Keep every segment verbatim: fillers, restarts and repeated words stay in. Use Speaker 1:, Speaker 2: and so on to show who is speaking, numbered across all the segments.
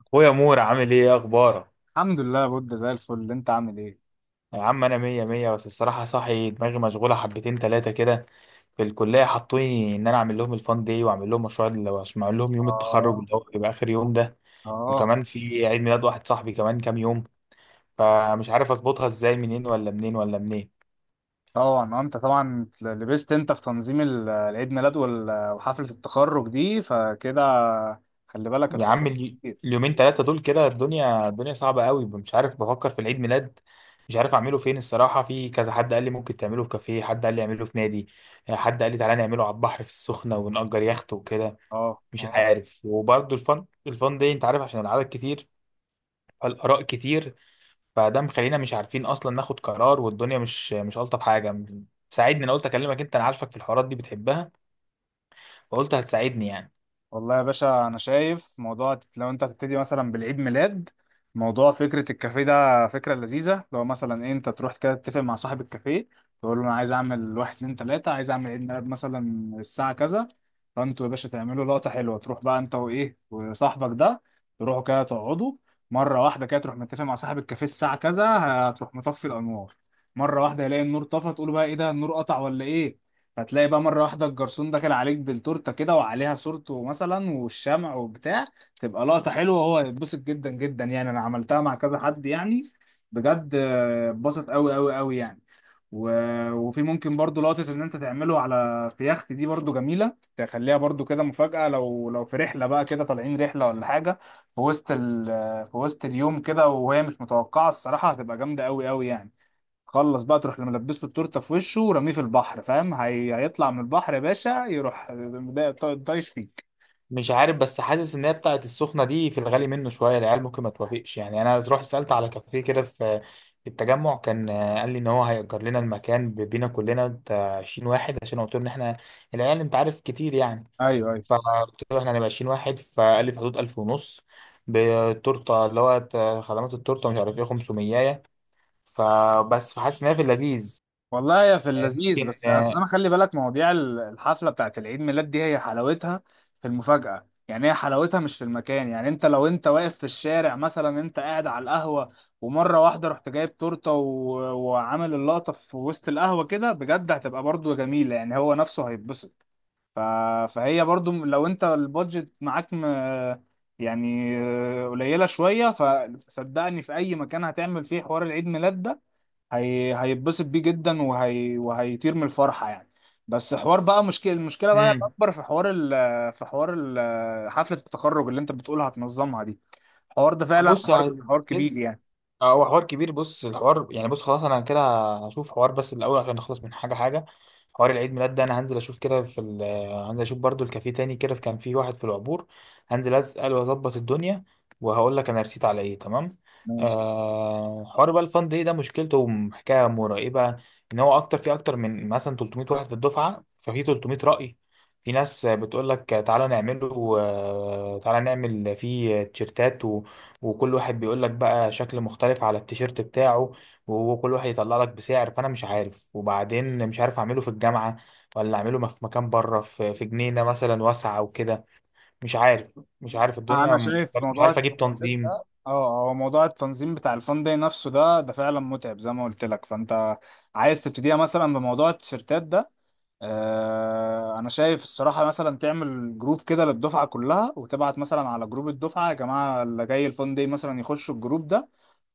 Speaker 1: اخويا مور، عامل ايه؟ إيه اخبارك؟
Speaker 2: الحمد لله بود زي الفل، انت عامل ايه؟
Speaker 1: يا عم انا مية مية، بس الصراحة صاحي دماغي مشغولة حبتين تلاتة كده. في الكلية حطوني ان انا اعمل لهم الفان داي، واعمل لهم مشروع اللي هو- عشان اعمل لهم يوم التخرج
Speaker 2: اه،
Speaker 1: اللي هو بيبقى اخر يوم ده.
Speaker 2: اه.
Speaker 1: وكمان في عيد ميلاد واحد صاحبي كمان كام يوم، فمش عارف اظبطها ازاي، منين ولا منين ولا منين.
Speaker 2: طبعا، آه، انت طبعا لبست انت في تنظيم ال- العيد ميلاد وال- وحفلة التخرج دي، فكده خلي بالك
Speaker 1: يا
Speaker 2: الحوار
Speaker 1: عم الي-
Speaker 2: كتير.
Speaker 1: اليومين ثلاثة دول كده الدنيا الدنيا صعبة قوي، مش عارف. بفكر في العيد ميلاد، مش عارف اعمله فين الصراحة. في كذا حد قال لي ممكن تعمله في كافيه، حد قال لي اعمله في نادي، حد قال لي تعالى نعمله على البحر في السخنة ونأجر يخت وكده،
Speaker 2: اه،
Speaker 1: مش
Speaker 2: اه.
Speaker 1: عارف. وبرضه الفن الفن دي انت عارف، عشان العدد كتير، فالآراء كتير، فده مخلينا مش عارفين اصلا ناخد قرار، والدنيا مش مش ألطف حاجة. ساعدني، انا قلت اكلمك انت، انا عارفك في الحوارات دي بتحبها، فقلت هتساعدني يعني.
Speaker 2: والله يا باشا، انا شايف موضوع لو انت هتبتدي مثلا بالعيد ميلاد، موضوع فكره الكافيه ده فكره لذيذه. لو مثلا إيه انت تروح كده تتفق مع صاحب الكافيه، تقول له انا عايز اعمل واحد اتنين تلاته، عايز اعمل عيد ميلاد مثلا الساعه كذا. فانتوا يا باشا تعملوا لقطه حلوه. تروح بقى انت وايه وصاحبك ده، تروحوا كده تقعدوا، مره واحده كده تروح متفق مع صاحب الكافيه الساعه كذا هتروح مطفي الانوار. مره واحده يلاقي النور طفى، تقول بقى ايه ده، النور قطع ولا ايه؟ هتلاقي بقى مرة واحدة الجرسون داخل عليك بالتورتة كده وعليها صورته مثلا والشمع وبتاع. تبقى لقطة حلوة وهو يتبسط جدا جدا يعني. أنا عملتها مع كذا حد يعني، بجد آه، اتبسط أوي أوي أوي يعني. و... وفي ممكن برضو لقطة إن أنت تعمله على في يخت دي، برضو جميلة. تخليها برضو كده مفاجأة، لو لو في رحلة بقى كده، طالعين رحلة ولا حاجة، في وسط ال... في وسط اليوم كده وهي مش متوقعة، الصراحة هتبقى جامدة أوي أوي يعني. خلص بقى تروح لما لبسته التورته في وشه ورميه في البحر، فاهم؟ هي... هيطلع من البحر يا باشا، يروح دا- طايش فيك.
Speaker 1: مش عارف، بس حاسس ان هي بتاعت السخنه دي في الغالي منه شويه، العيال ممكن ما توافقش يعني. انا رحت سالت على كافيه كده في في التجمع، كان، آه، قال لي ان هو هيأجر لنا المكان ب- بينا كلنا بتاع عشرين واحد، عشان قلت له ان احنا العيال انت عارف كتير يعني.
Speaker 2: ايوه، ايوه.
Speaker 1: فقلت له احنا هنبقى عشرين واحد، فقال لي في حدود ألف ونص بالتورته، اللي هو ت- خدمات التورته مش عارف ايه خمسمية، فبس. فحاسس ان هي في اللذيذ.
Speaker 2: والله يا في
Speaker 1: آه،
Speaker 2: اللذيذ،
Speaker 1: ممكن.
Speaker 2: بس اصل
Speaker 1: آه.
Speaker 2: انا خلي بالك، مواضيع ال- الحفله بتاعت العيد ميلاد دي هي حلاوتها في المفاجاه يعني. هي حلاوتها مش في المكان يعني. انت لو انت واقف في الشارع مثلا، انت قاعد على القهوه ومره واحده رحت جايب تورته و... وعامل اللقطه في وسط القهوه كده، بجد هتبقى برضو جميله يعني. هو نفسه هيتبسط. ف... فهي برضو لو انت البادجت معاك م... يعني آه، قليله شويه، فصدقني في اي مكان هتعمل فيه حوار العيد ميلاد ده هي... هيتبسط بيه جدا وهي... وهيطير من الفرحه يعني. بس حوار بقى مشكله، المشكله بقى
Speaker 1: مم.
Speaker 2: الاكبر في حوار ال... في حوار ال... حفله التخرج اللي انت بتقولها هتنظمها دي. الحوار ده فعلا
Speaker 1: بص،
Speaker 2: حوار حوار كبير
Speaker 1: لسه.
Speaker 2: يعني.
Speaker 1: اه، هو حوار كبير. بص الحوار يعني، بص خلاص انا كده هشوف حوار، بس الاول عشان نخلص من حاجه حاجه. حوار العيد ميلاد ده انا هنزل اشوف كده في ال... آه، هنزل اشوف برضو الكافيه تاني كده، كان فيه واحد في العبور. هنزل اسال واظبط الدنيا، وهقول لك انا رسيت على ايه، تمام. آه، حوار بقى الفان داي ده مشكلته حكايه مرعبه. ان هو اكتر، في اكتر من مثلا تلتمية واحد في الدفعه، ففي تلتمية راي. في ناس بتقول لك تعالى نعمله، آه، تعالى نعمل فيه تيشيرتات، وكل واحد بيقول لك بقى شكل مختلف على التيشيرت بتاعه، وكل واحد يطلع لك بسعر. فانا مش عارف، وبعدين مش عارف اعمله في الجامعة ولا اعمله في مكان بره، في في جنينة مثلا واسعة وكده. مش عارف، مش عارف الدنيا
Speaker 2: انا شايف
Speaker 1: مختلف. مش
Speaker 2: موضوع
Speaker 1: عارف اجيب
Speaker 2: التنظيم
Speaker 1: تنظيم.
Speaker 2: ده، اه هو موضوع التنظيم بتاع الفان داي نفسه ده ده فعلا متعب زي ما قلت لك. فانت عايز تبتديها مثلا بموضوع التيشيرتات ده. آه انا شايف الصراحه مثلا تعمل جروب كده للدفعه كلها، وتبعت مثلا على جروب الدفعه يا جماعه اللي جاي الفان داي مثلا يخشوا الجروب ده.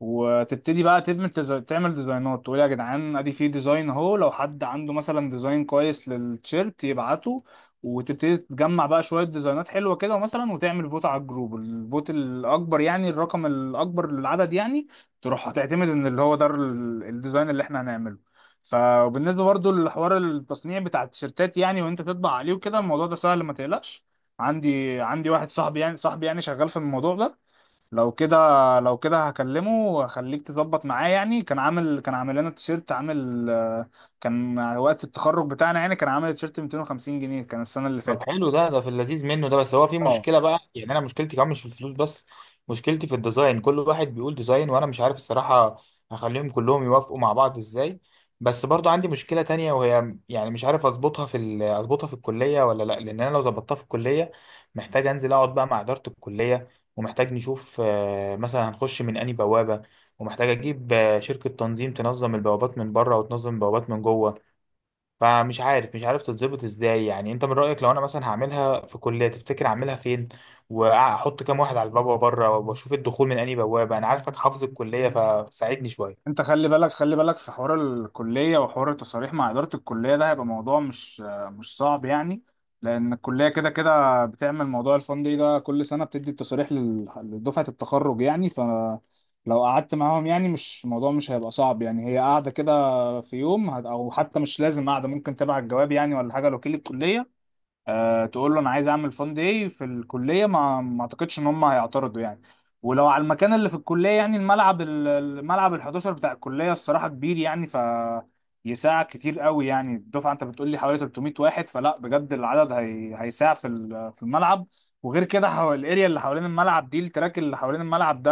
Speaker 2: وتبتدي بقى تعمل ديزاين، تعمل ديزاينات، تقول يا جدعان ادي في ديزاين اهو، لو حد عنده مثلا ديزاين كويس للتيشيرت يبعته. وتبتدي تجمع بقى شوية ديزاينات حلوة كده مثلا، وتعمل فوت على الجروب. الفوت الأكبر يعني الرقم الأكبر للعدد يعني تروح هتعتمد إن اللي هو ده ال- الديزاين اللي احنا هنعمله. فبالنسبة برضو لحوار التصنيع بتاع التيشيرتات يعني، وانت تطبع عليه وكده، الموضوع ده سهل ما تقلقش. عندي عندي واحد صاحبي يعني صاحبي يعني شغال في الموضوع ده. لو كده لو كده هكلمه وخليك تظبط معاه يعني. كان عامل كان عامل لنا تيشيرت، عامل آه، كان وقت التخرج بتاعنا يعني، كان عامل تيشيرت مئتين وخمسين جنيه، كان السنة اللي
Speaker 1: طب
Speaker 2: فاتت.
Speaker 1: حلو ده، ده في اللذيذ منه ده، بس هو في
Speaker 2: اه.
Speaker 1: مشكلة بقى يعني. أنا مشكلتي كمان مش في الفلوس بس، مشكلتي في الديزاين. كل واحد بيقول ديزاين، وأنا مش عارف الصراحة هخليهم كلهم يوافقوا مع بعض إزاي. بس برضو عندي مشكلة تانية، وهي يعني مش عارف أظبطها في ال- أظبطها في الكلية ولا لأ، لأن أنا لو ظبطتها في الكلية، محتاج أنزل أقعد بقى مع إدارة الكلية، ومحتاج نشوف آه، مثلا هنخش من أنهي بوابة، ومحتاج أجيب آه، شركة تنظيم تنظم البوابات من بره وتنظم البوابات من جوه. فمش عارف، مش عارف تتظبط ازاي يعني. انت من رأيك لو انا مثلا هعملها في كلية، تفتكر اعملها فين؟ واحط كام واحد على البابا بره، واشوف الدخول من انهي بوابة. انا عارفك حافظ الكلية، فساعدني شوية.
Speaker 2: انت خلي بالك خلي بالك في حوار الكلية وحوار التصاريح مع إدارة الكلية، ده هيبقى موضوع مش مش صعب يعني، لأن الكلية كده كده بتعمل موضوع الفندق ده كل سنة، بتدي التصاريح لل- لدفعة التخرج يعني. فلو قعدت معاهم يعني، مش الموضوع مش هيبقى صعب يعني. هي قاعدة كده في يوم هت- أو حتى مش لازم قاعدة، ممكن تبعت الجواب يعني ولا حاجة لوكيل الكلية. آه، تقول له انا عايز اعمل فان داي في الكليه، ما ما اعتقدش ان هم هيعترضوا يعني. ولو على المكان اللي في الكليه يعني، الملعب ال- الملعب ال11 بتاع الكليه الصراحه كبير يعني، ف يساعد كتير قوي يعني. الدفعه انت بتقول لي حوالي تلت ميه واحد، فلا بجد العدد هي... هيساع في ال- في الملعب. وغير كده حو... الاريا اللي حوالين الملعب دي، التراك اللي حوالين الملعب ده،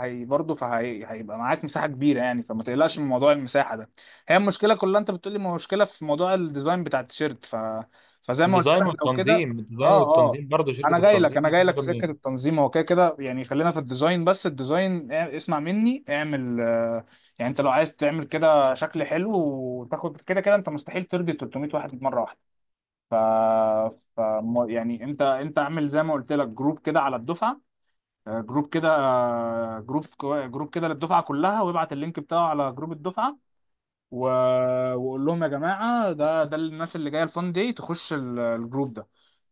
Speaker 2: هي برضه فهي... هيبقى معاك مساحه كبيره يعني. فما تقلقش من موضوع المساحه ده. هي المشكله كلها انت بتقول لي مشكله في موضوع الديزاين بتاع التيشيرت. فزي ما قلت
Speaker 1: الديزاين
Speaker 2: لك لو كده.
Speaker 1: والتنظيم، الديزاين
Speaker 2: اه، اه.
Speaker 1: والتنظيم برضه.
Speaker 2: انا
Speaker 1: شركة
Speaker 2: جاي لك
Speaker 1: التنظيم
Speaker 2: انا
Speaker 1: دي
Speaker 2: جاي لك
Speaker 1: بتاخد
Speaker 2: في سكه
Speaker 1: منين؟
Speaker 2: التنظيم هو كده كده يعني. خلينا في الديزاين بس. الديزاين اع- اسمع مني، اعمل آه، يعني انت لو عايز تعمل كده شكل حلو وتاخد كده كده، انت مستحيل ترضي تلت ميه واحد مره واحده. ف... ف م- يعني انت انت اعمل زي ما قلت لك جروب كده على الدفعه. آه، جروب كده، آه، جروب كو- جروب كده للدفعه كلها، وابعت اللينك بتاعه على جروب الدفعه. و... واقول لهم يا جماعه، ده ده الناس اللي جايه الفان دي تخش ال- الجروب ده.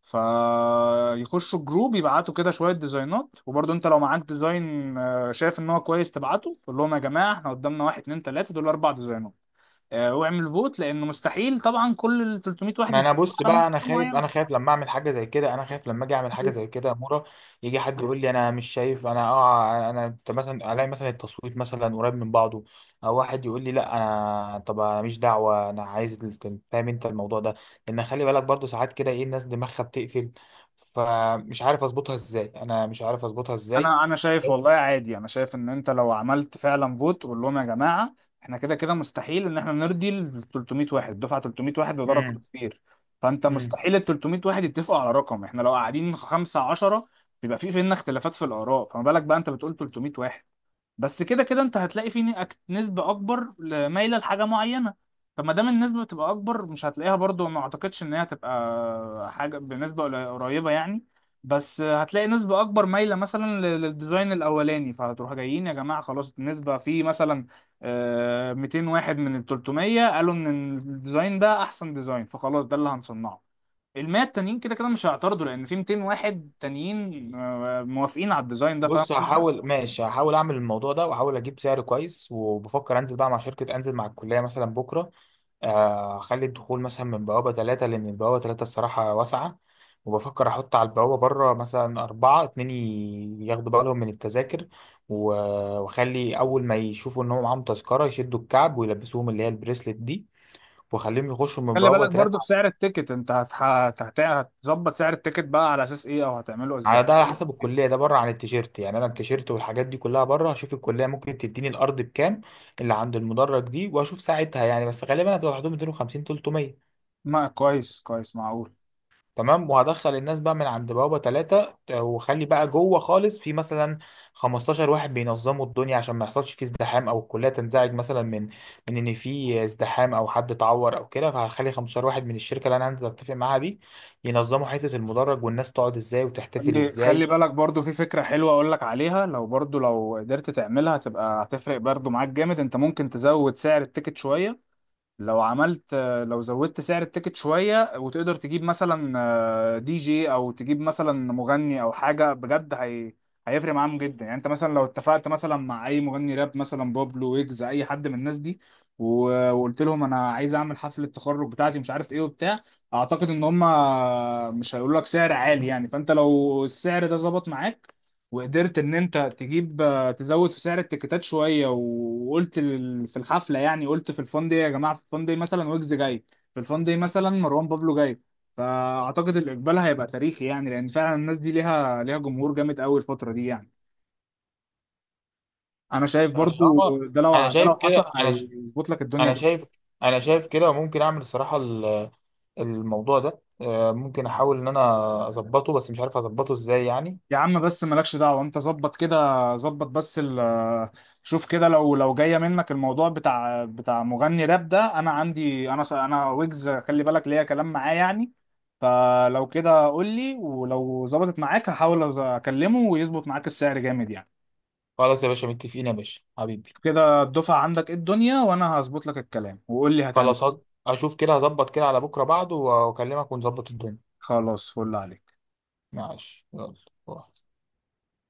Speaker 2: فيخشوا الجروب، يبعتوا كده شويه ديزاينات. وبرضه انت لو معاك ديزاين آه، شايف ان هو كويس، تبعته. قول لهم يا جماعه احنا قدامنا واحد اتنين تلاته دول، اربع ديزاينات آه، واعمل فوت، لان مستحيل طبعا كل ال تلت ميه واحد
Speaker 1: ما
Speaker 2: يتفق
Speaker 1: انا بص
Speaker 2: على
Speaker 1: بقى، انا
Speaker 2: حاجه
Speaker 1: خايف. انا
Speaker 2: معينه.
Speaker 1: خايف لما اعمل حاجه زي كده، انا خايف لما اجي اعمل حاجه زي كده يا مورا، يجي حد يقول لي انا مش شايف. انا اه انا أنت مثلا الاقي مثلا التصويت مثلا قريب من بعضه، او واحد يقول لي لا انا. طب أنا ماليش دعوه، انا عايز ال- فاهم انت الموضوع ده، لان خلي بالك برضه ساعات كده ايه الناس دماغها بتقفل. فمش عارف اظبطها ازاي، انا مش عارف اظبطها ازاي.
Speaker 2: انا انا شايف
Speaker 1: بس.
Speaker 2: والله عادي، انا شايف ان انت لو عملت فعلا فوت قول لهم يا جماعه احنا كده كده مستحيل ان احنا نرضي ال تلت ميه واحد، دفعه تلت ميه واحد وده رقم
Speaker 1: امم
Speaker 2: كبير. فانت
Speaker 1: امم
Speaker 2: مستحيل ال تلت ميه واحد يتفقوا على رقم، احنا لو قاعدين خمسة عشرة بيبقى في فينا اختلافات في الاراء، فما بالك بقى انت بتقول تلت ميه واحد. بس كده كده انت هتلاقي فيه نك- نسبة اكبر ل- مايلة لحاجة معينة. فما دام النسبة بتبقى اكبر، مش هتلاقيها برضو، ما اعتقدش ان هي هتبقى حاجة بنسبة قلي- قريبة يعني. بس هتلاقي نسبة اكبر مايلة مثلا ل- للديزاين الاولاني، فهتروح جايين يا جماعة خلاص النسبة في مثلا آه، مئتين واحد من ال تلت ميه قالوا ان الديزاين ده احسن ديزاين، فخلاص ده اللي هنصنعه. ال ميه التانيين كده كده مش هيعترضوا لان في ميتين واحد تانيين آه، موافقين على الديزاين ده، فاهم؟
Speaker 1: بص هحاول. ماشي، هحاول اعمل الموضوع ده واحاول اجيب سعر كويس، وبفكر انزل بقى مع شركه، انزل مع الكليه مثلا بكره. آه، اخلي الدخول مثلا من بوابة ثلاثة، لأن البوابة ثلاثة الصراحة واسعة. وبفكر أحط على البوابة بره مثلا أربعة اتنين، ي- ياخدوا بالهم من التذاكر، و- وأخلي أول ما يشوفوا إن هو معاهم تذكرة يشدوا الكعب ويلبسوهم اللي هي البريسلت دي، وأخليهم يخشوا من
Speaker 2: خلي
Speaker 1: بوابة
Speaker 2: بالك
Speaker 1: ثلاثة.
Speaker 2: برضو في سعر التيكت، انت هتح... هت- هتظبط سعر التيكت بقى على اساس ايه او هتعمله ازاي؟
Speaker 1: على ده، على حسب الكلية. ده بره عن التيشيرت يعني، أنا التيشيرت والحاجات دي كلها بره. هشوف الكلية ممكن تديني الأرض بكام اللي عند المدرج دي، وأشوف ساعتها يعني. بس غالبا هتبقى حدود ميتين وخمسين تلتمية.
Speaker 2: ما كويس كويس معقول.
Speaker 1: تمام، وهدخل الناس بقى من عند بوابة ثلاثة، وخلي بقى جوه خالص في مثلا خمستاشر واحد بينظموا الدنيا، عشان ما يحصلش فيه ازدحام او الكلية تنزعج مثلا من من ان في ازدحام او حد اتعور او كده. فهخلي خمسة عشر واحد من الشركة اللي انا هنزل اتفق معاها دي، ينظموا حتة المدرج والناس تقعد ازاي وتحتفل
Speaker 2: خلي خلي
Speaker 1: ازاي.
Speaker 2: بالك برضو، في فكرة حلوة اقول لك عليها لو برضو لو قدرت تعملها، هتبقى هتفرق برضو معاك جامد. انت ممكن تزود سعر التيكت شوية. لو عملت، لو زودت سعر التيكت شوية وتقدر تجيب مثلا آه، دي جي، او تجيب مثلا مغني او حاجة بجد هي هيفرق معاهم جدا يعني. انت مثلا لو اتفقت مثلا مع اي مغني راب، مثلا بابلو ويجز اي حد من الناس دي، و- وقلت لهم انا عايز اعمل حفلة التخرج بتاعتي مش عارف ايه وبتاع، اعتقد ان هم مش هيقولوا لك سعر عالي يعني. فانت لو السعر ده ظبط معاك وقدرت ان انت تجيب، تزود في سعر التيكيتات شويه وقلت لل- في الحفله يعني، قلت في الفان دي يا جماعه في الفان دي مثلا ويجز جاي، في الفان دي مثلا مروان بابلو جاي. فاعتقد الاقبال هيبقى تاريخي يعني، لان فعلا الناس دي ليها ليها جمهور جامد قوي الفتره دي يعني. انا شايف برضو
Speaker 1: طالما
Speaker 2: ده
Speaker 1: انا
Speaker 2: لو ده لو
Speaker 1: شايف كده.
Speaker 2: حصل
Speaker 1: انا ش-
Speaker 2: هيظبط لك
Speaker 1: انا
Speaker 2: الدنيا.
Speaker 1: شايف انا شايف كده. وممكن اعمل الصراحة ال- الموضوع ده، آه، ممكن احاول ان انا اظبطه، بس مش عارف اظبطه ازاي يعني.
Speaker 2: يا عم بس مالكش دعوة، انت ظبط كده. ظبط بس ال شوف كده. لو لو جاية منك الموضوع بتاع بتاع مغني راب ده، انا عندي، انا انا ويجز خلي بالك ليا كلام معاه يعني. فلو كده قول لي، ولو ظبطت معاك هحاول أز- اكلمه ويظبط معاك السعر جامد يعني.
Speaker 1: خلاص يا باشا، متفقين يا باشا حبيبي.
Speaker 2: كده الدفعة عندك ايه الدنيا، وانا هظبط لك الكلام وقول لي هتعمل
Speaker 1: خلاص
Speaker 2: إيه.
Speaker 1: هز- اشوف كده، هظبط كده على بكره بعده واكلمك ونظبط الدنيا.
Speaker 2: خلاص، فل عليك.
Speaker 1: ماشي، يلا. باي.